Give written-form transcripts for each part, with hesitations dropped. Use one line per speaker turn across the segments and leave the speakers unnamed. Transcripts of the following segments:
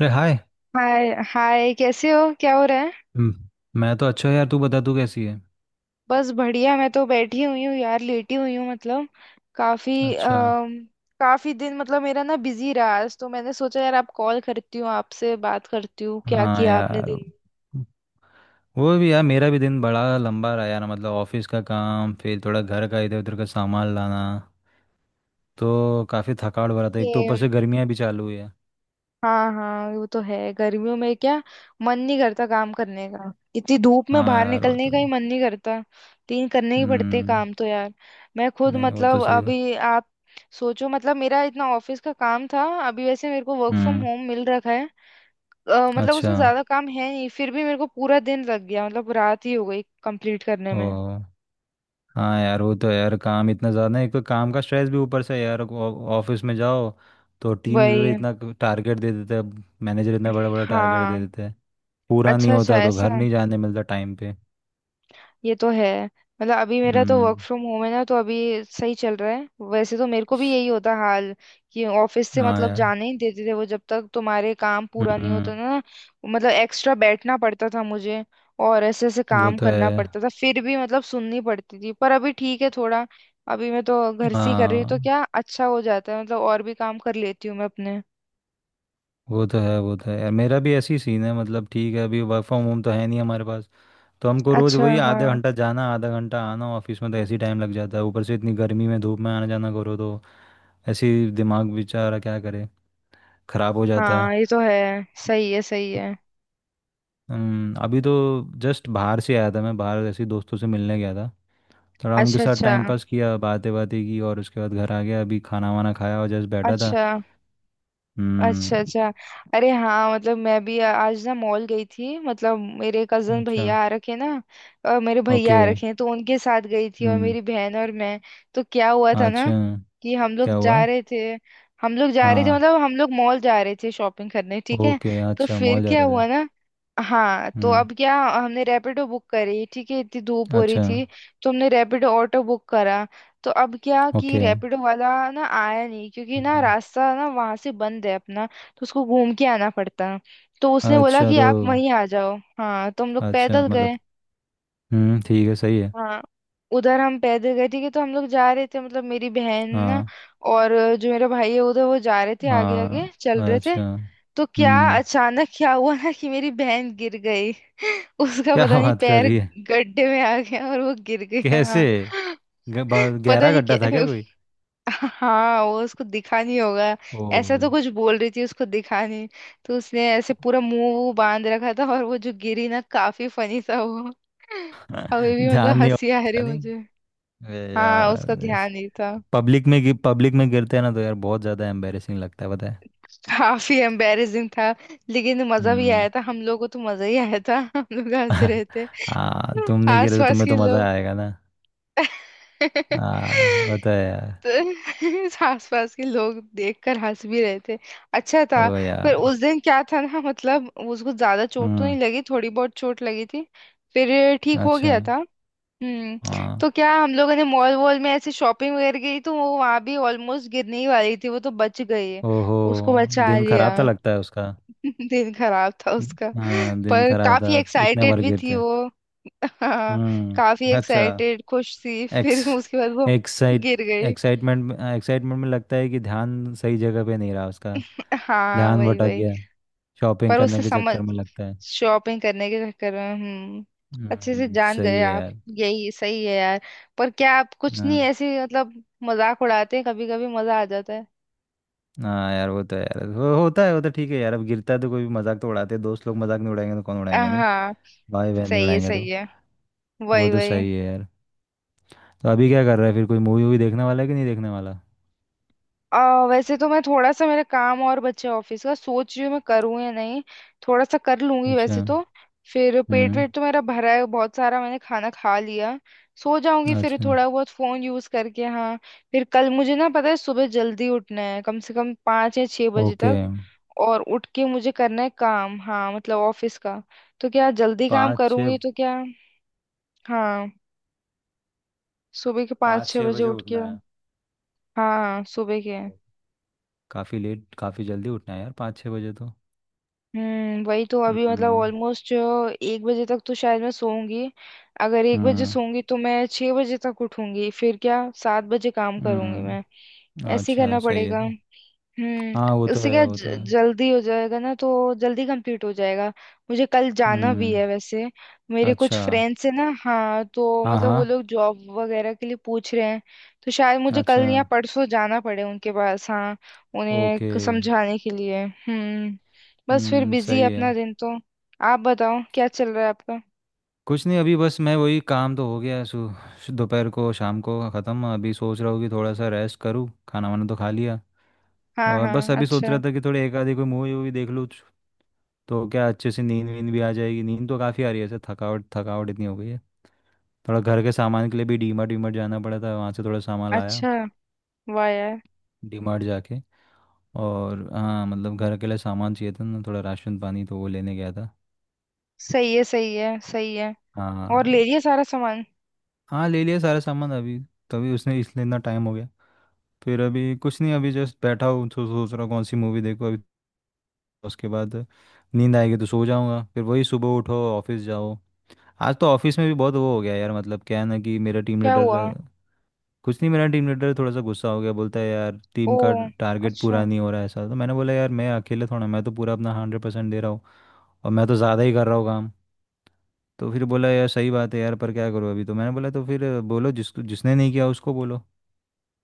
अरे hi.
Hi hi, कैसे हो? क्या हो रहा है?
हम्म। मैं तो अच्छा हूँ यार, तू बता तू कैसी है?
बस बढ़िया। मैं तो बैठी हुई हूँ यार, लेटी हुई हूँ मतलब काफी
अच्छा।
काफी दिन मतलब मेरा ना बिजी रहा। आज तो मैंने सोचा यार आप कॉल करती हूँ, आपसे बात करती हूँ। क्या
हाँ
किया आपने?
यार, वो भी यार मेरा भी दिन बड़ा लंबा रहा यार, मतलब ऑफिस का काम, फिर थोड़ा घर का इधर उधर का सामान लाना, तो काफ़ी थकावट भरा था। एक तो ऊपर से
दिन।
गर्मियाँ भी चालू हुई है।
हाँ हाँ, वो तो है। गर्मियों में क्या मन नहीं करता काम करने का। इतनी धूप में
हाँ
बाहर
यार, वो
निकलने
तो
का ही
है।
मन नहीं करता। तीन करने ही पड़ते हैं
हम्म।
काम तो यार। मैं खुद
नहीं, वो तो
मतलब
सही है।
अभी आप सोचो, मतलब मेरा इतना ऑफिस का काम था। अभी वैसे मेरे को वर्क फ्रॉम
हम्म।
होम मिल रखा है। मतलब
अच्छा।
उसमें ज्यादा काम है नहीं, फिर भी मेरे को पूरा दिन लग गया। मतलब रात ही हो गई कंप्लीट करने
ओ।
में।
हाँ यार, वो तो यार काम इतना ज़्यादा है। एक तो काम का स्ट्रेस भी ऊपर से है यार। ऑफिस में जाओ तो टीम लीडर
वही।
इतना टारगेट दे देता है। मैनेजर इतना बड़ा बड़ा टारगेट दे
हाँ।
देता है। पूरा नहीं
अच्छा अच्छा,
होता तो घर
ऐसा।
नहीं जाने मिलता टाइम पे।
ये तो है। मतलब अभी मेरा तो वर्क
हम्म।
फ्रॉम होम है ना, तो अभी सही चल रहा है। वैसे तो मेरे को भी यही होता हाल कि ऑफिस से
हाँ
मतलब
यार।
जाने ही देते थे वो जब तक तुम्हारे काम पूरा नहीं
हम्म।
होता ना। मतलब एक्स्ट्रा बैठना पड़ता था मुझे, और ऐसे ऐसे
वो
काम
तो
करना
है।
पड़ता था, फिर भी मतलब सुननी पड़ती थी। पर अभी ठीक है थोड़ा। अभी मैं तो घर से ही कर रही हूँ, तो
हाँ,
क्या अच्छा हो जाता है, मतलब और भी काम कर लेती हूँ मैं अपने।
वो तो है यार। मेरा भी ऐसी सीन है, मतलब ठीक है अभी वर्क फ्रॉम होम तो है नहीं हमारे पास। तो हमको रोज़
अच्छा।
वही आधा
हाँ
घंटा जाना आधा घंटा आना ऑफिस में, तो ऐसे ही टाइम लग जाता है। ऊपर से इतनी गर्मी में धूप में आना जाना करो तो ऐसे ही दिमाग बेचारा क्या करे, ख़राब हो जाता है।
हाँ, ये तो है। सही है, सही है।
अभी तो जस्ट बाहर से आया था मैं। बाहर ऐसे ही दोस्तों से मिलने गया था। थोड़ा उनके
अच्छा,
साथ
अच्छा,
टाइम पास किया, बातें बातें की, और उसके बाद घर आ गया। अभी खाना वाना खाया और जस्ट बैठा था।
अच्छा,
हम्म।
अच्छा, अच्छा। अरे हाँ, मतलब मैं भी आज ना मॉल गई थी। मतलब मेरे कजन
अच्छा।
भैया आ रखे ना, और मेरे भैया
ओके।
आ रखे हैं, तो उनके साथ गई थी, और
हम्म।
मेरी बहन और मैं। तो क्या हुआ था ना
अच्छा।
कि हम लोग
क्या हुआ?
जा रहे थे। हम लोग जा रहे थे
हाँ।
मतलब हम लोग मॉल जा रहे थे शॉपिंग करने, ठीक है।
ओके
तो
अच्छा,
फिर
मॉल जा
क्या
रहे थे।
हुआ ना, हाँ तो
हम्म।
अब क्या, हमने रैपिडो बुक करी। ठीक है, इतनी धूप हो रही
अच्छा।
थी, तो हमने रैपिडो ऑटो बुक करा। तो अब क्या कि
ओके।
रैपिडो वाला ना आया नहीं, क्योंकि ना
हम्म,
रास्ता ना वहां से बंद है अपना, तो उसको घूम के आना पड़ता है। तो उसने बोला
अच्छा
कि
तो।
आप वहीं आ जाओ। हाँ, तो हम लोग
अच्छा
पैदल गए।
मतलब। ठीक है, सही है।
हाँ, उधर हम पैदल गए, ठीक है। तो हम लोग जा रहे थे, मतलब मेरी बहन ना
हाँ।
और जो मेरा भाई है उधर, वो जा रहे थे आगे
हाँ।
आगे चल रहे थे।
अच्छा।
तो क्या
हम्म।
अचानक क्या हुआ ना कि मेरी बहन गिर गई उसका
क्या
पता नहीं
बात कर
पैर
रही है?
गड्ढे में आ गया और वो गिर गया
कैसे?
हाँ। पता
गहरा
नहीं
गड्ढा था क्या
क्या।
कोई?
हाँ, वो उसको दिखा नहीं होगा,
ओ।
ऐसा तो कुछ बोल रही थी, उसको दिखा नहीं। तो उसने ऐसे पूरा मुंह वूह बांध रखा था, और वो जो गिरी ना काफी फनी था वो। अभी भी मतलब
ध्यान नहीं
हंसी
होगा
आ
उसका,
रही
नहीं।
मुझे।
अरे
हाँ, उसका
यार।
ध्यान नहीं था।
पब्लिक में गिरते हैं ना तो यार बहुत ज्यादा एम्बेरसिंग लगता है पता है।
काफी एम्बेरसिंग था, लेकिन मजा भी आया
हम्म।
था। हम लोगों को तो मजा ही आया था, हम लोग हंस रहे थे।
तुम नहीं
आस
गिरे तो
पास
तुम्हें
के
तो मजा
लोग
आएगा ना। आ, होता है यार।
तो आसपास के लोग देखकर हंस भी रहे थे। अच्छा
ओ
था। पर
यार।
उस दिन क्या था ना, मतलब उसको ज्यादा चोट तो
हम्म।
नहीं लगी, थोड़ी बहुत चोट लगी थी, फिर ठीक हो
अच्छा।
गया था।
हाँ।
तो क्या हम लोगों ने मॉल वॉल में ऐसे शॉपिंग वगैरह की, तो वो वहां भी ऑलमोस्ट गिरने ही वाली थी, वो तो बच गई है।
ओहो।
उसको बचा
दिन
लिया।
खराब था लगता है उसका।
दिन खराब था उसका।
हाँ दिन
पर
खराब
काफी
था। इतने
एक्साइटेड
बार
भी थी
गिरते।
वो। हाँ, काफी
हम्म। अच्छा।
एक्साइटेड खुश थी
एक्स
फिर उसके बाद वो
एक्साइट
गिर गई।
एक्साइटमेंट में लगता है कि ध्यान सही जगह पे नहीं रहा उसका।
हाँ,
ध्यान
वही
भटक
वही।
गया, शॉपिंग
पर उससे
करने के
समझ
चक्कर में लगता है।
शॉपिंग करने के चक्कर में। अच्छे से जान
सही
गए
है
आप।
यार।
यही सही है यार। पर क्या आप कुछ
हाँ।
नहीं ऐसे मतलब मजाक उड़ाते हैं? कभी कभी मजा आ जाता है।
हाँ यार वो तो है यार, वो होता है, वो तो ठीक है यार। अब गिरता है तो कोई भी मजाक तो उड़ाते हैं, दोस्त लोग मजाक नहीं उड़ाएंगे तो कौन उड़ाएंगे? नहीं,
हाँ,
भाई बहन नहीं
सही है,
उड़ाएंगे तो।
सही है।
वो
वही
तो
वही।
सही है यार। तो अभी क्या कर रहा है, फिर कोई मूवी वूवी देखने वाला है कि नहीं देखने वाला?
वैसे तो मैं थोड़ा सा मेरा काम और बच्चे ऑफिस का सोच रही हूँ मैं करूँ या नहीं। थोड़ा सा कर लूंगी
अच्छा।
वैसे तो। फिर पेट
हम्म।
वेट तो मेरा भरा है, बहुत सारा मैंने खाना खा लिया। सो जाऊंगी फिर
अच्छा।
थोड़ा बहुत फोन यूज करके, हाँ। फिर कल मुझे ना पता है सुबह जल्दी उठना है, कम से कम 5 या 6 बजे
ओके।
तक। और उठ के मुझे करना है काम, हाँ मतलब ऑफिस का। तो क्या जल्दी काम
पाँच
करूंगी
छः।
तो क्या। हाँ, सुबह के 5
पाँच
6
छः
बजे
बजे
उठ के।
उठना है?
हाँ, सुबह के।
काफ़ी लेट काफ़ी जल्दी उठना है यार, पाँच छः बजे तो।
वही तो अभी मतलब
हम्म।
ऑलमोस्ट 1 बजे तक तो शायद मैं सोऊंगी। अगर 1 बजे
हम्म।
सोऊंगी, तो मैं 6 बजे तक उठूंगी, फिर क्या 7 बजे काम करूंगी मैं।
हम्म,
ऐसे ही
अच्छा
करना
सही है
पड़ेगा।
सही। हाँ, वो तो
उससे
है
क्या
वो तो है।
जल्दी हो जाएगा ना, तो जल्दी कंप्लीट हो जाएगा। मुझे कल जाना भी
हम्म।
है वैसे। मेरे कुछ
अच्छा।
फ्रेंड्स है ना, हाँ, तो
हाँ
मतलब
हाँ।
वो लोग जॉब वगैरह के लिए पूछ रहे हैं, तो शायद मुझे
अच्छा।
कल या परसों जाना पड़े उनके पास, हाँ। उन्हें
ओके।
समझाने के लिए। बस फिर बिजी है
सही है।
अपना दिन तो। आप बताओ क्या चल रहा है आपका?
कुछ नहीं, अभी बस मैं वही काम तो हो गया, सु सु- दोपहर को शाम को ख़त्म। अभी सोच रहा हूँ कि थोड़ा सा रेस्ट करूँ, खाना वाना तो खा लिया,
हाँ
और बस
हाँ।
अभी सोच रहा
अच्छा,
था कि थोड़ी एक आधी कोई मूवी वूवी देख लूँ, तो क्या अच्छे से नींद वींद भी आ जाएगी। नींद तो काफ़ी आ रही है, ऐसे थकावट थकावट इतनी हो गई है। थोड़ा घर के सामान के लिए भी डीमार्ट वीमार्ट जाना पड़ा था, वहाँ से थोड़ा सामान लाया।
अच्छा। वाह यार।
डीमार्ट जाके और हाँ मतलब घर के लिए सामान चाहिए था ना, थोड़ा राशन पानी, तो वो लेने गया था।
सही है, सही है, सही है। और
हाँ।
ले लिया सारा सामान।
हाँ ले लिया सारा सामान अभी, तभी उसने इसलिए इतना टाइम हो गया। फिर अभी कुछ नहीं, अभी जस्ट बैठा हूँ, तो सोच रहा हूँ कौन सी मूवी देखो अभी। उसके बाद नींद आएगी तो सो जाऊँगा, फिर वही सुबह उठो ऑफिस जाओ। आज तो ऑफिस में भी बहुत वो हो गया यार, मतलब क्या है ना कि मेरा टीम
क्या हुआ?
लीडर। कुछ नहीं, मेरा टीम लीडर थोड़ा सा गुस्सा हो गया। बोलता है यार
ओ।
टीम का टारगेट
अच्छा।
पूरा नहीं हो रहा है ऐसा। तो मैंने बोला यार मैं अकेले थोड़ा, मैं तो पूरा अपना 100% दे रहा हूँ, और मैं तो ज़्यादा ही कर रहा हूँ काम। तो फिर बोला यार सही बात है यार, पर क्या करूँ अभी। तो मैंने बोला तो फिर बोलो जिस जिसने नहीं किया उसको बोलो।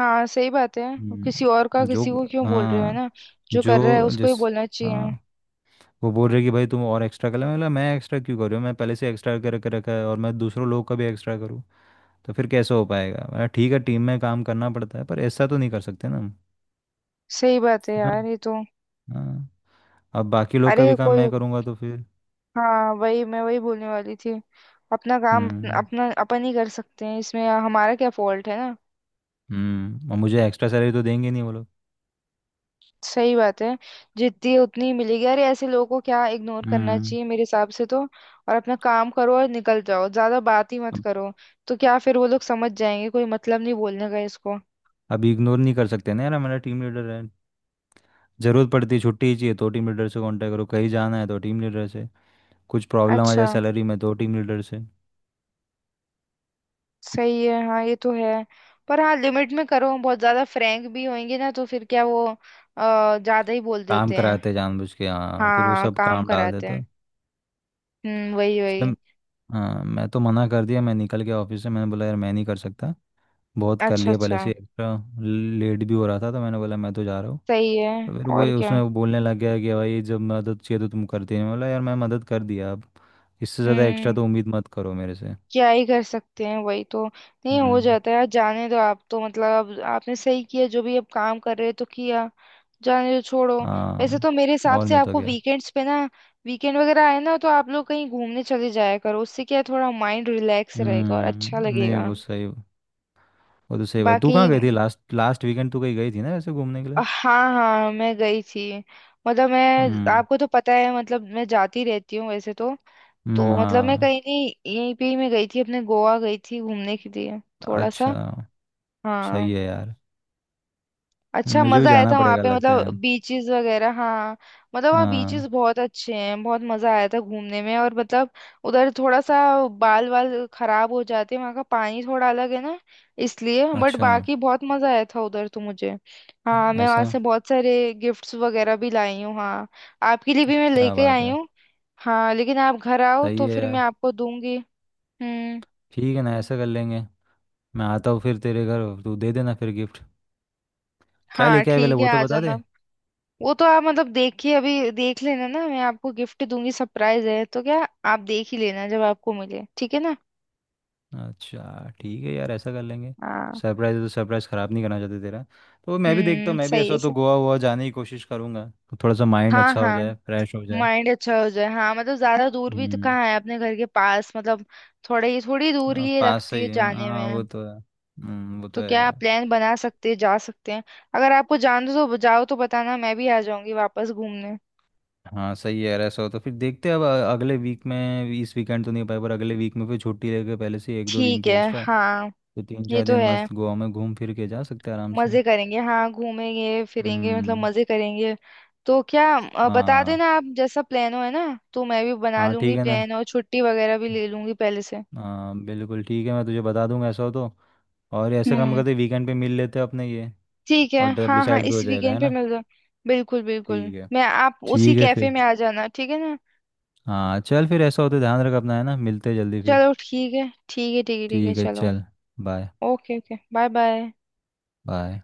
हाँ, सही बात है। किसी और का
जो।
किसी को क्यों बोल रहे हो, है
हाँ।
ना? जो कर रहा है
जो
उसको ही
जिस।
बोलना चाहिए।
हाँ। वो बोल रहे कि भाई तुम और एक्स्ट्रा कर ले, मैं बोला मैं एक्स्ट्रा क्यों कर रही हूँ, मैं पहले से एक्स्ट्रा कर कर रखा है, और मैं दूसरों लोग का भी एक्स्ट्रा करूँ तो फिर कैसे हो पाएगा। मैं ठीक है टीम में काम करना पड़ता है पर ऐसा तो नहीं कर सकते ना हम।
सही बात है
है ना?
यार, ये तो।
हाँ। अब बाकी लोग का
अरे
भी काम
कोई।
मैं करूँगा तो फिर।
हाँ, वही मैं वही बोलने वाली थी। अपना काम
हम्म।
अपना अपन ही कर सकते हैं, इसमें हमारा क्या फॉल्ट है ना।
और मुझे एक्स्ट्रा सैलरी तो देंगे नहीं वो लोग।
सही बात है। जितनी है उतनी ही मिलेगी। अरे ऐसे लोगों को क्या इग्नोर करना
हम्म।
चाहिए मेरे हिसाब से तो, और अपना काम करो और निकल जाओ, ज्यादा बात ही मत
अब
करो, तो क्या फिर वो लोग समझ जाएंगे। कोई मतलब नहीं बोलने का इसको।
अब इग्नोर नहीं कर सकते ना यार, हमारा टीम लीडर है। ज़रूरत पड़ती है छुट्टी ही चाहिए तो टीम लीडर से कांटेक्ट करो, कहीं जाना है तो टीम लीडर से, कुछ प्रॉब्लम आ
अच्छा।
जाए सैलरी में तो टीम लीडर से।
सही है, हाँ, ये तो है। पर हाँ लिमिट में करो, बहुत ज्यादा फ्रैंक भी होंगे ना, तो फिर क्या वो ज्यादा ही बोल
काम
देते हैं।
कराते जानबूझ के हाँ, फिर वो
हाँ,
सब
काम
काम डाल
कराते हैं।
देता
वही वही।
इसलिए। हाँ मैं तो मना कर दिया, मैं निकल गया ऑफिस से। मैंने बोला यार मैं नहीं कर सकता, बहुत कर
अच्छा,
लिया पहले
अच्छा।
से एक्स्ट्रा। लेट भी हो रहा था तो मैंने बोला मैं तो जा रहा हूँ।
सही है।
तो फिर वो
और क्या।
उसमें वो बोलने लग गया कि भाई जब मदद चाहिए तो तुम करती नहीं। मैं बोला यार मैं मदद कर दिया अब, इससे ज़्यादा एक्स्ट्रा
हम्म
तो उम्मीद मत करो मेरे से।
क्या ही कर सकते हैं, वही तो नहीं हो
हम्म।
जाता है यार। जाने दो आप तो, मतलब अब आपने सही किया, जो भी अब काम कर रहे हो तो किया। जाने दो, छोड़ो। वैसे
हाँ।
तो मेरे हिसाब
और
से
नहीं तो
आपको
क्या।
वीकेंड्स पे ना, वीकेंड वगैरह आए ना तो आप लोग कहीं घूमने चले जाया करो, उससे क्या है, थोड़ा माइंड रिलैक्स रहेगा और अच्छा
हम्म। नहीं
लगेगा।
वो सही वो तो सही बात। तू
बाकी।
कहाँ गई थी लास्ट लास्ट वीकेंड, तू कहीं गई थी ना ऐसे घूमने के लिए?
हाँ हाँ, मैं गई थी। मतलब मैं
हम्म।
आपको तो पता है, मतलब मैं जाती रहती हूँ वैसे तो। तो मतलब मैं
हाँ।
कहीं नहीं, यहीं पे ही मैं गई थी अपने, गोवा गई थी घूमने के लिए, थोड़ा
अच्छा
सा।
सही
हाँ।
है यार।
अच्छा
मुझे भी
मजा आया
जाना
था वहां
पड़ेगा
पे,
लगता है।
मतलब बीचेस वगैरह, हाँ। मतलब वहाँ
हाँ।
बीचेस बहुत अच्छे हैं, बहुत मजा आया था घूमने में, और मतलब उधर थोड़ा सा बाल वाल खराब हो जाते हैं, वहाँ का पानी थोड़ा अलग है ना, इसलिए। बट
अच्छा।
बाकी बहुत मजा आया था उधर तो मुझे। हाँ, मैं वहां
ऐसा।
से बहुत सारे गिफ्ट्स वगैरह भी लाई हूँ, हाँ। आपके लिए भी मैं
क्या
लेके
बात
आई
है।
हूँ। हाँ लेकिन आप घर आओ
सही
तो
है
फिर मैं
यार।
आपको दूंगी। हम्म।
ठीक है ना ऐसा कर लेंगे। मैं आता हूँ फिर तेरे घर, तू दे देना फिर गिफ्ट। क्या
हाँ
लेके आए पहले
ठीक है,
वो तो
आ
बता
जाना।
दे।
वो तो आप मतलब देखिए, अभी देख लेना ना, मैं आपको गिफ्ट दूंगी, सरप्राइज है तो क्या, आप देख ही लेना जब आपको मिले, ठीक है ना?
अच्छा ठीक है यार, ऐसा कर लेंगे।
हाँ।
सरप्राइज है तो सरप्राइज ख़राब नहीं करना चाहते तेरा। तो मैं भी देखता
हम्म,
हूँ, मैं भी
सही
ऐसा
है,
हो तो
सही।
गोवा वोवा जाने की कोशिश करूँगा। तो थोड़ा सा माइंड
हाँ
अच्छा हो
हाँ,
जाए, फ्रेश हो जाए।
माइंड अच्छा हो जाए। हाँ, मतलब ज्यादा दूर भी तो
हम्म।
कहाँ है अपने घर के पास, मतलब थोड़े ही, थोड़ी दूर ही
हाँ,
ये
पास
लगती है
सही है।
जाने
हाँ वो
में।
तो है। वो तो
तो
है
क्या आप
यार।
प्लान बना सकते हैं, जा सकते हैं, अगर आपको जान दो तो जाओ, तो बताना, मैं भी आ जाऊंगी वापस घूमने।
हाँ सही है यार, ऐसा हो तो फिर देखते हैं। अब अगले वीक में, इस वीकेंड तो नहीं हो पाए, पर अगले वीक में फिर छुट्टी लेके पहले से एक दो दिन
ठीक
की
है।
एक्स्ट्रा,
हाँ,
तो तीन
ये
चार
तो
दिन
है।
मस्त गोवा में घूम फिर के जा सकते हैं आराम से।
मजे करेंगे, हाँ घूमेंगे फिरेंगे, मतलब
हम्म।
मजे करेंगे। तो क्या बता
हाँ।
देना आप जैसा प्लान हो, है ना, तो मैं भी बना
हाँ
लूंगी
ठीक है ना,
प्लान और छुट्टी वगैरह भी ले लूंगी पहले से।
हाँ बिल्कुल ठीक है। मैं तुझे बता दूंगा ऐसा हो तो। और ऐसे काम
हम्म।
करते वीकेंड पे मिल लेते हैं अपने ये,
ठीक है,
और तब
हाँ हाँ,
डिसाइड भी
इस
हो जाएगा है
वीकेंड पे
ना।
मिल जाओ। बिल्कुल बिल्कुल,
ठीक है।
मैं आप उसी
ठीक है
कैफे
फिर,
में आ जाना, ठीक है ना।
हाँ चल फिर, ऐसा हो तो ध्यान रख अपना, है ना? मिलते हैं जल्दी फिर।
चलो, ठीक है, ठीक है, ठीक है, ठीक है,
ठीक है
चलो।
चल। Bye.
Okay okay, bye bye.
Bye.